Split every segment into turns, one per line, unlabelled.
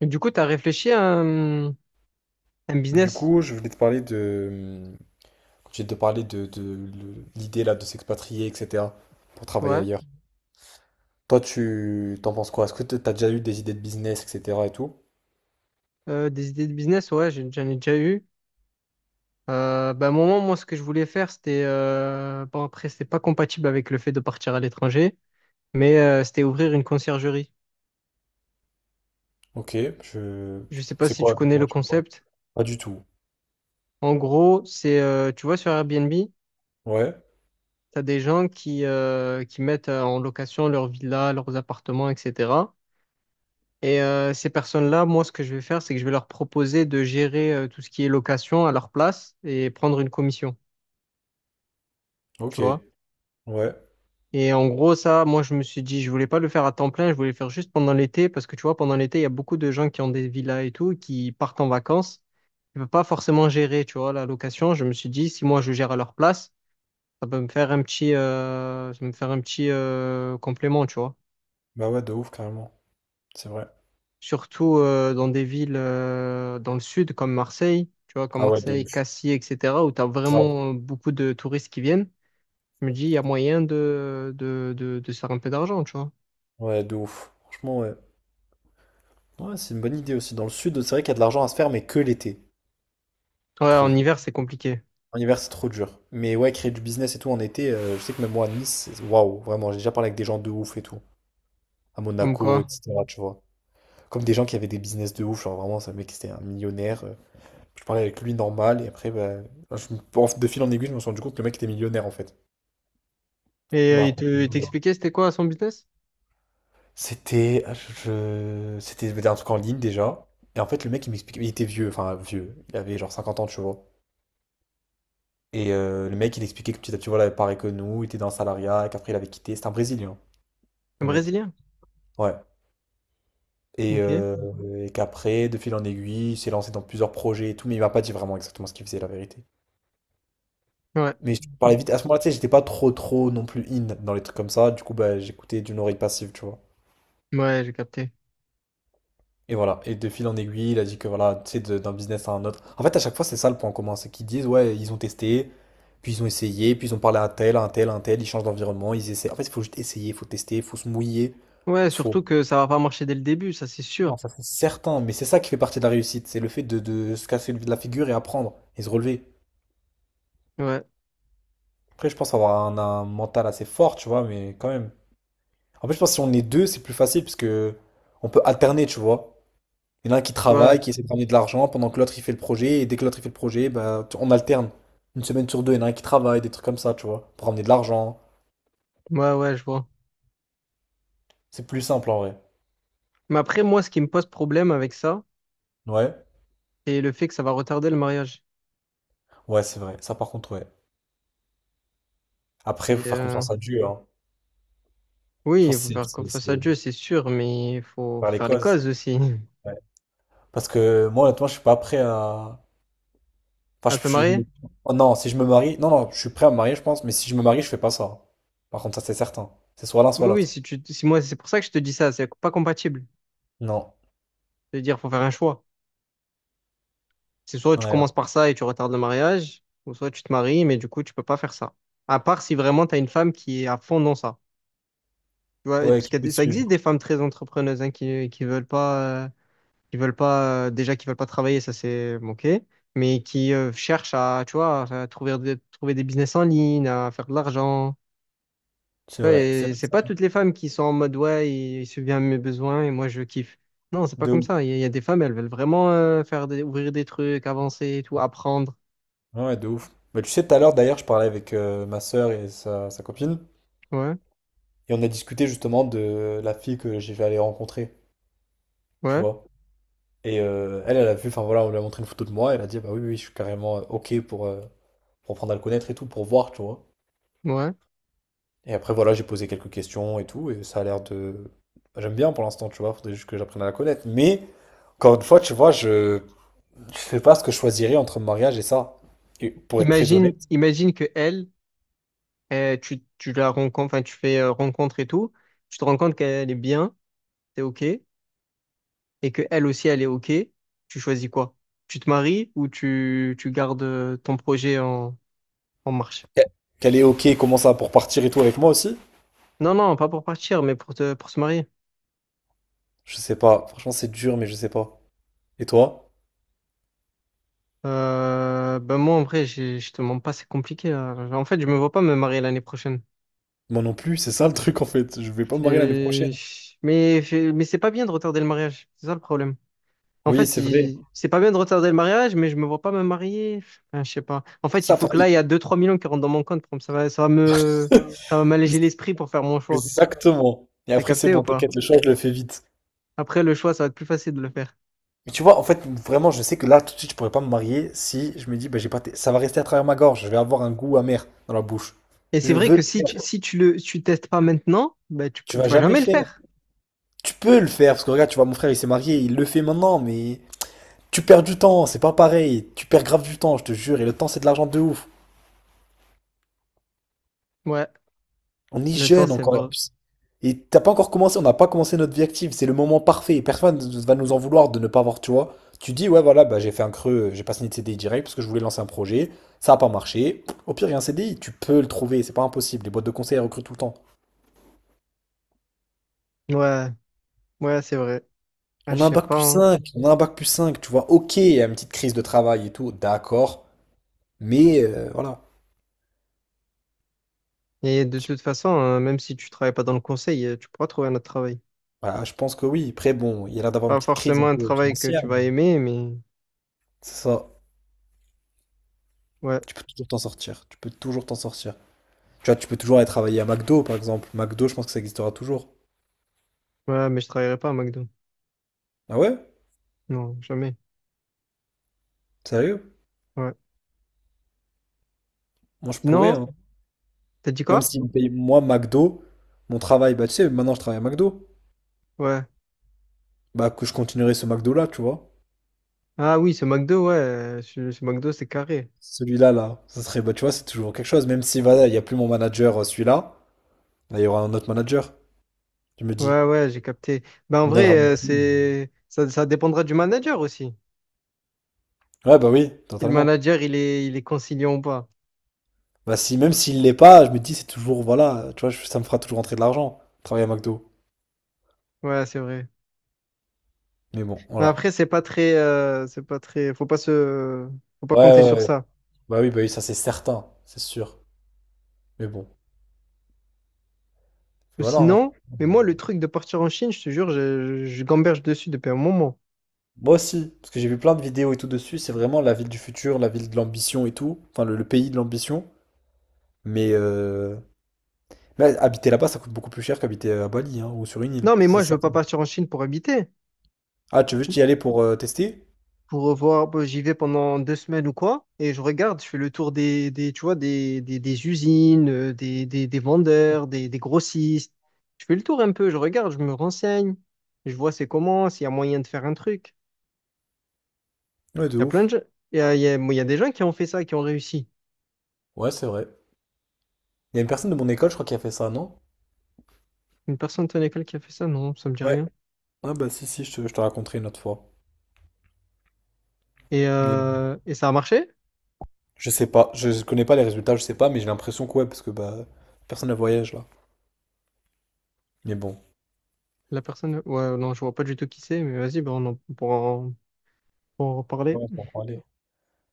Et du coup, tu as réfléchi à un
Du
business?
coup, je voulais te parler de, l'idée là de s'expatrier, etc. pour travailler
ouais,
ailleurs. Toi, tu t'en penses quoi? Est-ce que t'as déjà eu des idées de business, etc. et tout?
des idées de business, ouais, j'en ai déjà eu. À un moment, moi, ce que je voulais faire, c'était, bon, après, c'était pas compatible avec le fait de partir à l'étranger, mais c'était ouvrir une conciergerie.
Ok, je,
Je sais pas
c'est
si tu
quoi?
connais le
Non, je sais pas.
concept.
Pas du tout.
En gros, c'est, tu vois, sur Airbnb, tu
Ouais.
as des gens qui mettent en location leurs villas, leurs appartements, etc. Et ces personnes-là, moi, ce que je vais faire, c'est que je vais leur proposer de gérer tout ce qui est location à leur place et prendre une commission, tu
Ok.
vois.
Ouais.
Et en gros, ça, moi, je me suis dit, je voulais pas le faire à temps plein, je voulais le faire juste pendant l'été, parce que tu vois, pendant l'été, il y a beaucoup de gens qui ont des villas et tout, qui partent en vacances, ils ne peuvent pas forcément gérer, tu vois, la location. Je me suis dit, si moi, je gère à leur place, ça peut me faire un petit, complément, tu vois.
Bah ouais, de ouf, carrément. C'est vrai.
Surtout dans des villes dans le sud comme
Ah ouais, de
Marseille,
ouf.
Cassis, etc., où tu as
Grave.
vraiment beaucoup de touristes qui viennent, je me dis, il y a moyen de se faire un peu d'argent, tu vois.
Ouais, de ouf. Franchement, ouais. Ouais, c'est une bonne idée aussi. Dans le sud, c'est vrai qu'il y a de l'argent à se faire, mais que l'été,
Ouais,
je
en
trouve.
hiver, c'est compliqué.
En hiver, c'est trop dur. Mais ouais, créer du business et tout en été, je sais que même moi à Nice, waouh, vraiment, j'ai déjà parlé avec des gens de ouf et tout. À
Comme
Monaco,
quoi.
etc., tu vois. Comme des gens qui avaient des business de ouf, genre vraiment, ce mec, c'était un millionnaire. Je parlais avec lui normal, et après, bah, de fil en aiguille, je me suis rendu compte que le mec était millionnaire en fait.
Et
Il m'a raconté.
il t'expliquait, c'était quoi son business?
C'était un truc en ligne déjà. Et en fait, le mec, il m'expliquait, il était vieux, enfin vieux, il avait genre 50 ans, tu vois. Et le mec, il expliquait que petit à petit, voilà, pareil que nous, il était dans le salariat, qu'après il avait quitté. C'est un Brésilien,
Un
le mec.
Brésilien?
Ouais. Et,
Ok.
euh, et qu'après, de fil en aiguille, il s'est lancé dans plusieurs projets et tout, mais il m'a pas dit vraiment exactement ce qu'il faisait, la vérité.
Ouais.
Mais je te parlais vite. À ce moment-là, tu sais, j'étais pas trop, trop non plus in dans les trucs comme ça. Du coup, bah, j'écoutais d'une oreille passive, tu vois.
Ouais, j'ai capté.
Et voilà, et de fil en aiguille, il a dit que voilà, tu sais, d'un business à un autre. En fait, à chaque fois, c'est ça le point commun, c'est qu'ils disent, ouais, ils ont testé, puis ils ont essayé, puis ils ont parlé à un tel, à un tel, à un tel, ils changent d'environnement, ils essaient. En fait, il faut juste essayer, il faut tester, il faut se mouiller.
Ouais,
faut...
surtout que ça va pas marcher dès le début, ça c'est
Non,
sûr.
ça c'est certain, mais c'est ça qui fait partie de la réussite, c'est le fait de se casser la figure et apprendre, et se relever.
Ouais, tu
Après, je pense avoir un mental assez fort, tu vois, mais quand même. En fait, je pense que si on est deux, c'est plus facile, parce que on peut alterner, tu vois. Il y en a un qui
vois.
travaille, qui essaie de ramener de l'argent pendant que l'autre il fait le projet, et dès que l'autre il fait le projet, bah, on alterne. Une semaine sur deux, il y en a un qui travaille, des trucs comme ça, tu vois, pour ramener de l'argent.
Ouais, ouais, je vois.
C'est plus simple en vrai.
Mais après, moi, ce qui me pose problème avec ça,
Ouais,
c'est le fait que ça va retarder le mariage.
ouais, c'est vrai. Ça par contre, ouais. Après,
Et,
faut faire
euh,
confiance à Dieu, hein. Je
Oui, il
pense que
faut
c'est
faire
c'est-
confiance
c'est
à Dieu, c'est sûr, mais il faut
par les
faire les
causes.
causes aussi.
Ouais. Parce que moi, honnêtement, je suis pas prêt à.
À
Enfin.
te marier?
Oh non, si je me marie. Non, non, je suis prêt à me marier, je pense, mais si je me marie, je fais pas ça. Par contre, ça c'est certain. C'est soit l'un,
Oui,
soit
oui,
l'autre.
si moi, c'est pour ça que je te dis ça, c'est pas compatible.
Non.
C'est-à-dire, faut faire un choix. C'est soit tu
Ouais.
commences par ça et tu retardes le mariage, ou soit tu te maries, mais du coup, tu peux pas faire ça. À part si vraiment tu as une femme qui est à fond dans ça. Tu vois, et
Ouais,
parce
qui peut
que
te
ça existe
suivre.
des femmes très entrepreneuses hein, qui veulent pas, déjà qui veulent pas travailler, ça c'est bon, ok, mais qui cherchent à, tu vois, à trouver, trouver des business en ligne, à faire de l'argent.
C'est vrai.
Ouais,
C'est
et
vrai,
c'est
c'est
pas
vrai.
toutes les femmes qui sont en mode ouais, il subvient à mes besoins et moi je kiffe. Non, c'est pas
De
comme
ouf.
ça. Il y a des femmes, elles veulent vraiment faire des, ouvrir des trucs, avancer et tout, apprendre.
Ah ouais, de ouf. Bah, tu sais, tout à l'heure, d'ailleurs, je parlais avec ma sœur et sa copine,
Ouais,
et on a discuté justement de la fille que j'ai vais aller rencontrer, tu
ouais,
vois. Et elle, elle a vu, enfin voilà, on lui a montré une photo de moi, elle a dit, bah oui, oui, oui, je suis carrément OK pour apprendre à le connaître et tout, pour voir, tu vois.
ouais.
Et après, voilà, j'ai posé quelques questions et tout. Et ça a l'air de... Bah, j'aime bien pour l'instant, tu vois, faudrait juste que j'apprenne à la connaître. Mais, encore une fois, tu vois, je sais pas ce que je choisirais entre le mariage et ça. Et pour être très honnête,
Imagine, imagine que elle, tu la rencontres, enfin tu fais rencontre et tout, tu te rends compte qu'elle est bien, t'es ok, et que elle aussi elle est ok. Tu choisis quoi? Tu te maries ou tu gardes ton projet en, en marche?
qu'elle est OK, comment ça, pour partir et tout avec moi aussi?
Non, non, pas pour partir, mais pour te, pour se marier.
Je sais pas. Franchement, c'est dur, mais je sais pas. Et toi?
Ben moi, en vrai, je te mens pas, c'est compliqué, hein. En fait, je me vois pas me marier l'année prochaine.
Moi non plus, c'est ça le truc en fait. Je vais pas me marier l'année
C'est-
prochaine.
Mais, mais c'est pas bien de retarder le mariage. C'est ça le problème. En
Oui,
fait,
c'est vrai.
c'est pas bien de retarder le mariage, mais je me vois pas me marier. Enfin, je sais pas. En
C'est
fait, il
ça,
faut que
pareil.
là, il y a deux trois millions qui rentrent dans mon compte. Pour Ça va, ça va m'alléger l'esprit pour faire mon choix.
Exactement. Et
T'as
après, c'est
capté ou
bon,
pas?
t'inquiète, le choix, je le fais vite.
Après, le choix, ça va être plus facile de le faire.
Mais tu vois, en fait, vraiment, je sais que là, tout de suite, je pourrais pas me marier si je me dis, bah, j'ai pas. Ça va rester à travers ma gorge. Je vais avoir un goût amer dans la bouche.
Et c'est
Je
vrai
veux
que
le faire.
si tu testes pas maintenant, ben, tu,
Tu
tu
vas
vas
jamais le
jamais le
faire.
faire.
Tu peux le faire, parce que regarde, tu vois, mon frère, il s'est marié, il le fait maintenant, mais tu perds du temps, c'est pas pareil. Tu perds grave du temps, je te jure. Et le temps, c'est de l'argent de ouf.
Ouais,
On est
le temps,
jeune
c'est
encore.
vrai.
Et t'as pas encore commencé, on n'a pas commencé notre vie active. C'est le moment parfait. Et personne ne va nous en vouloir de ne pas avoir, tu vois. Tu dis, ouais, voilà, bah, j'ai fait un creux, j'ai pas signé de CDI direct parce que je voulais lancer un projet. Ça a pas marché. Au pire, il y a un CDI, tu peux le trouver, c'est pas impossible. Les boîtes de conseil elles recrutent tout le temps.
Ouais, ouais, c'est vrai. Ah,
On
je
a un
sais
bac
pas,
plus
hein.
cinq, tu vois. Ok, il y a une petite crise de travail et tout, d'accord. Mais voilà.
Et de
Tu-
toute façon, même si tu travailles pas dans le conseil, tu pourras trouver un autre travail.
voilà, je pense que oui. Après, bon, il y a l'air d'avoir une
Pas
petite crise un
forcément un
peu
travail que
financière,
tu vas
mais
aimer, mais
c'est ça.
ouais,
Tu peux toujours t'en sortir. Tu peux toujours t'en sortir. Tu vois, tu peux toujours aller travailler à McDo, par exemple. McDo, je pense que ça existera toujours.
ouais, mais je travaillerai pas à McDo.
Ah ouais?
Non, jamais.
Sérieux?
Ouais.
Moi, je pourrais,
Sinon,
hein.
t'as dit
Même
quoi?
s'ils me payent, moi, McDo, mon travail, bah, tu sais, maintenant, je travaille à McDo.
Ouais.
Bah, que je continuerai ce McDo-là, tu vois.
Ah oui, ce McDo, ouais, ce McDo, c'est carré.
Celui-là, là, ça serait, bah, tu vois, c'est toujours quelque chose. Même si, voilà, il n'y a plus mon manager, celui-là, bah, il y aura un autre manager, je me dis.
Ouais, ouais, j'ai capté. Ben en
Il me
vrai,
donnera mon prix.
c'est ça, ça dépendra du manager aussi.
Ouais, bah oui,
Si le
totalement.
manager, il est conciliant ou pas.
Bah, si, même s'il l'est pas, je me dis, c'est toujours, voilà, tu vois, ça me fera toujours rentrer de l'argent, travailler à McDo.
Ouais, c'est vrai.
Mais bon,
Mais
voilà.
après, c'est pas très, c'est pas très. Faut pas
Ouais,
compter sur
ouais, ouais.
ça.
Bah oui, ça, c'est certain, c'est sûr. Mais bon,
Ou
voilà. Hein.
sinon, mais moi, le truc de partir en Chine, je te jure, je gamberge dessus depuis un moment.
Moi aussi, parce que j'ai vu plein de vidéos et tout dessus, c'est vraiment la ville du futur, la ville de l'ambition et tout, enfin le pays de l'ambition. Mais, euh, mais habiter là-bas, ça coûte beaucoup plus cher qu'habiter à Bali hein, ou sur une île,
Non, mais
ça c'est
moi, je veux pas
certain.
partir en Chine pour habiter.
Ah, tu veux juste y aller pour tester?
Pour revoir, bah, j'y vais pendant 2 semaines ou quoi, et je regarde, je fais le tour tu vois, des usines, des vendeurs, des grossistes. Je fais le tour un peu, je regarde, je me renseigne, je vois c'est comment, s'il y a moyen de faire un truc.
Ouais, de
Il y a plein de
ouf.
gens, bon, il y a des gens qui ont fait ça, qui ont réussi.
Ouais, c'est vrai. Il y a une personne de mon école, je crois, qui a fait ça, non?
Une personne de ton école qui a fait ça, non, ça me dit
Ouais.
rien.
Ah bah si, si, je te raconterai une autre fois. Mais
Et ça a marché?
je sais pas, je connais pas les résultats, je sais pas, mais j'ai l'impression que ouais, parce que bah personne ne voyage là. Mais bon,
La personne, ouais, non, je vois pas du tout qui c'est, mais vas-y, bah, on en pourra en, pourra en reparler.
ouais, on peut en parler.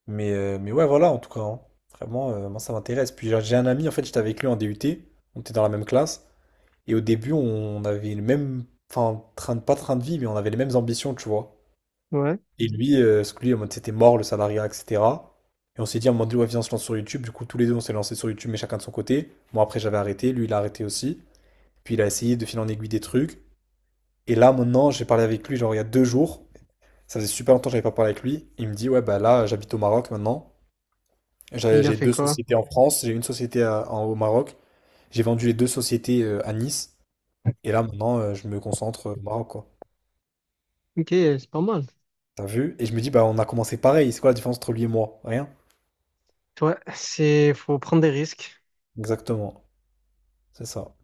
Mais ouais, voilà, en tout cas, hein. Vraiment, moi ça m'intéresse. Puis j'ai un ami, en fait, j'étais avec lui en DUT, on était dans la même classe, et au début, on avait le même, enfin, train de, pas train de vie, mais on avait les mêmes ambitions, tu vois.
Ouais.
Et lui, parce que lui, en mode, c'était mort le salariat, etc. Et on s'est dit, à un moment donné, ouais, viens, on se lance sur YouTube. Du coup, tous les deux, on s'est lancé sur YouTube, mais chacun de son côté. Moi, après, j'avais arrêté, lui, il a arrêté aussi. Puis il a essayé de filer en aiguille des trucs. Et là, maintenant, j'ai parlé avec lui, genre il y a 2 jours. Ça faisait super longtemps que j'avais pas parlé avec lui. Il me dit, ouais, bah là, j'habite au Maroc maintenant. J'ai
Il a
j'ai
fait
deux
quoi?
sociétés en France, j'ai une société au Maroc. J'ai vendu les deux sociétés à Nice. Et là, maintenant, je me concentre au Maroc, quoi.
Ok, c'est pas mal.
T'as vu? Et je me dis, bah, on a commencé pareil. C'est quoi la différence entre lui et moi? Rien.
Ouais, c'est, faut prendre des risques.
Exactement. C'est ça.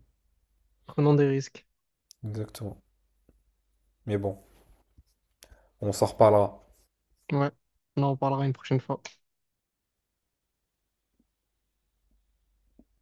Prenons des risques.
Exactement. Mais bon, on s'en reparlera.
Ouais. On en reparlera une prochaine fois.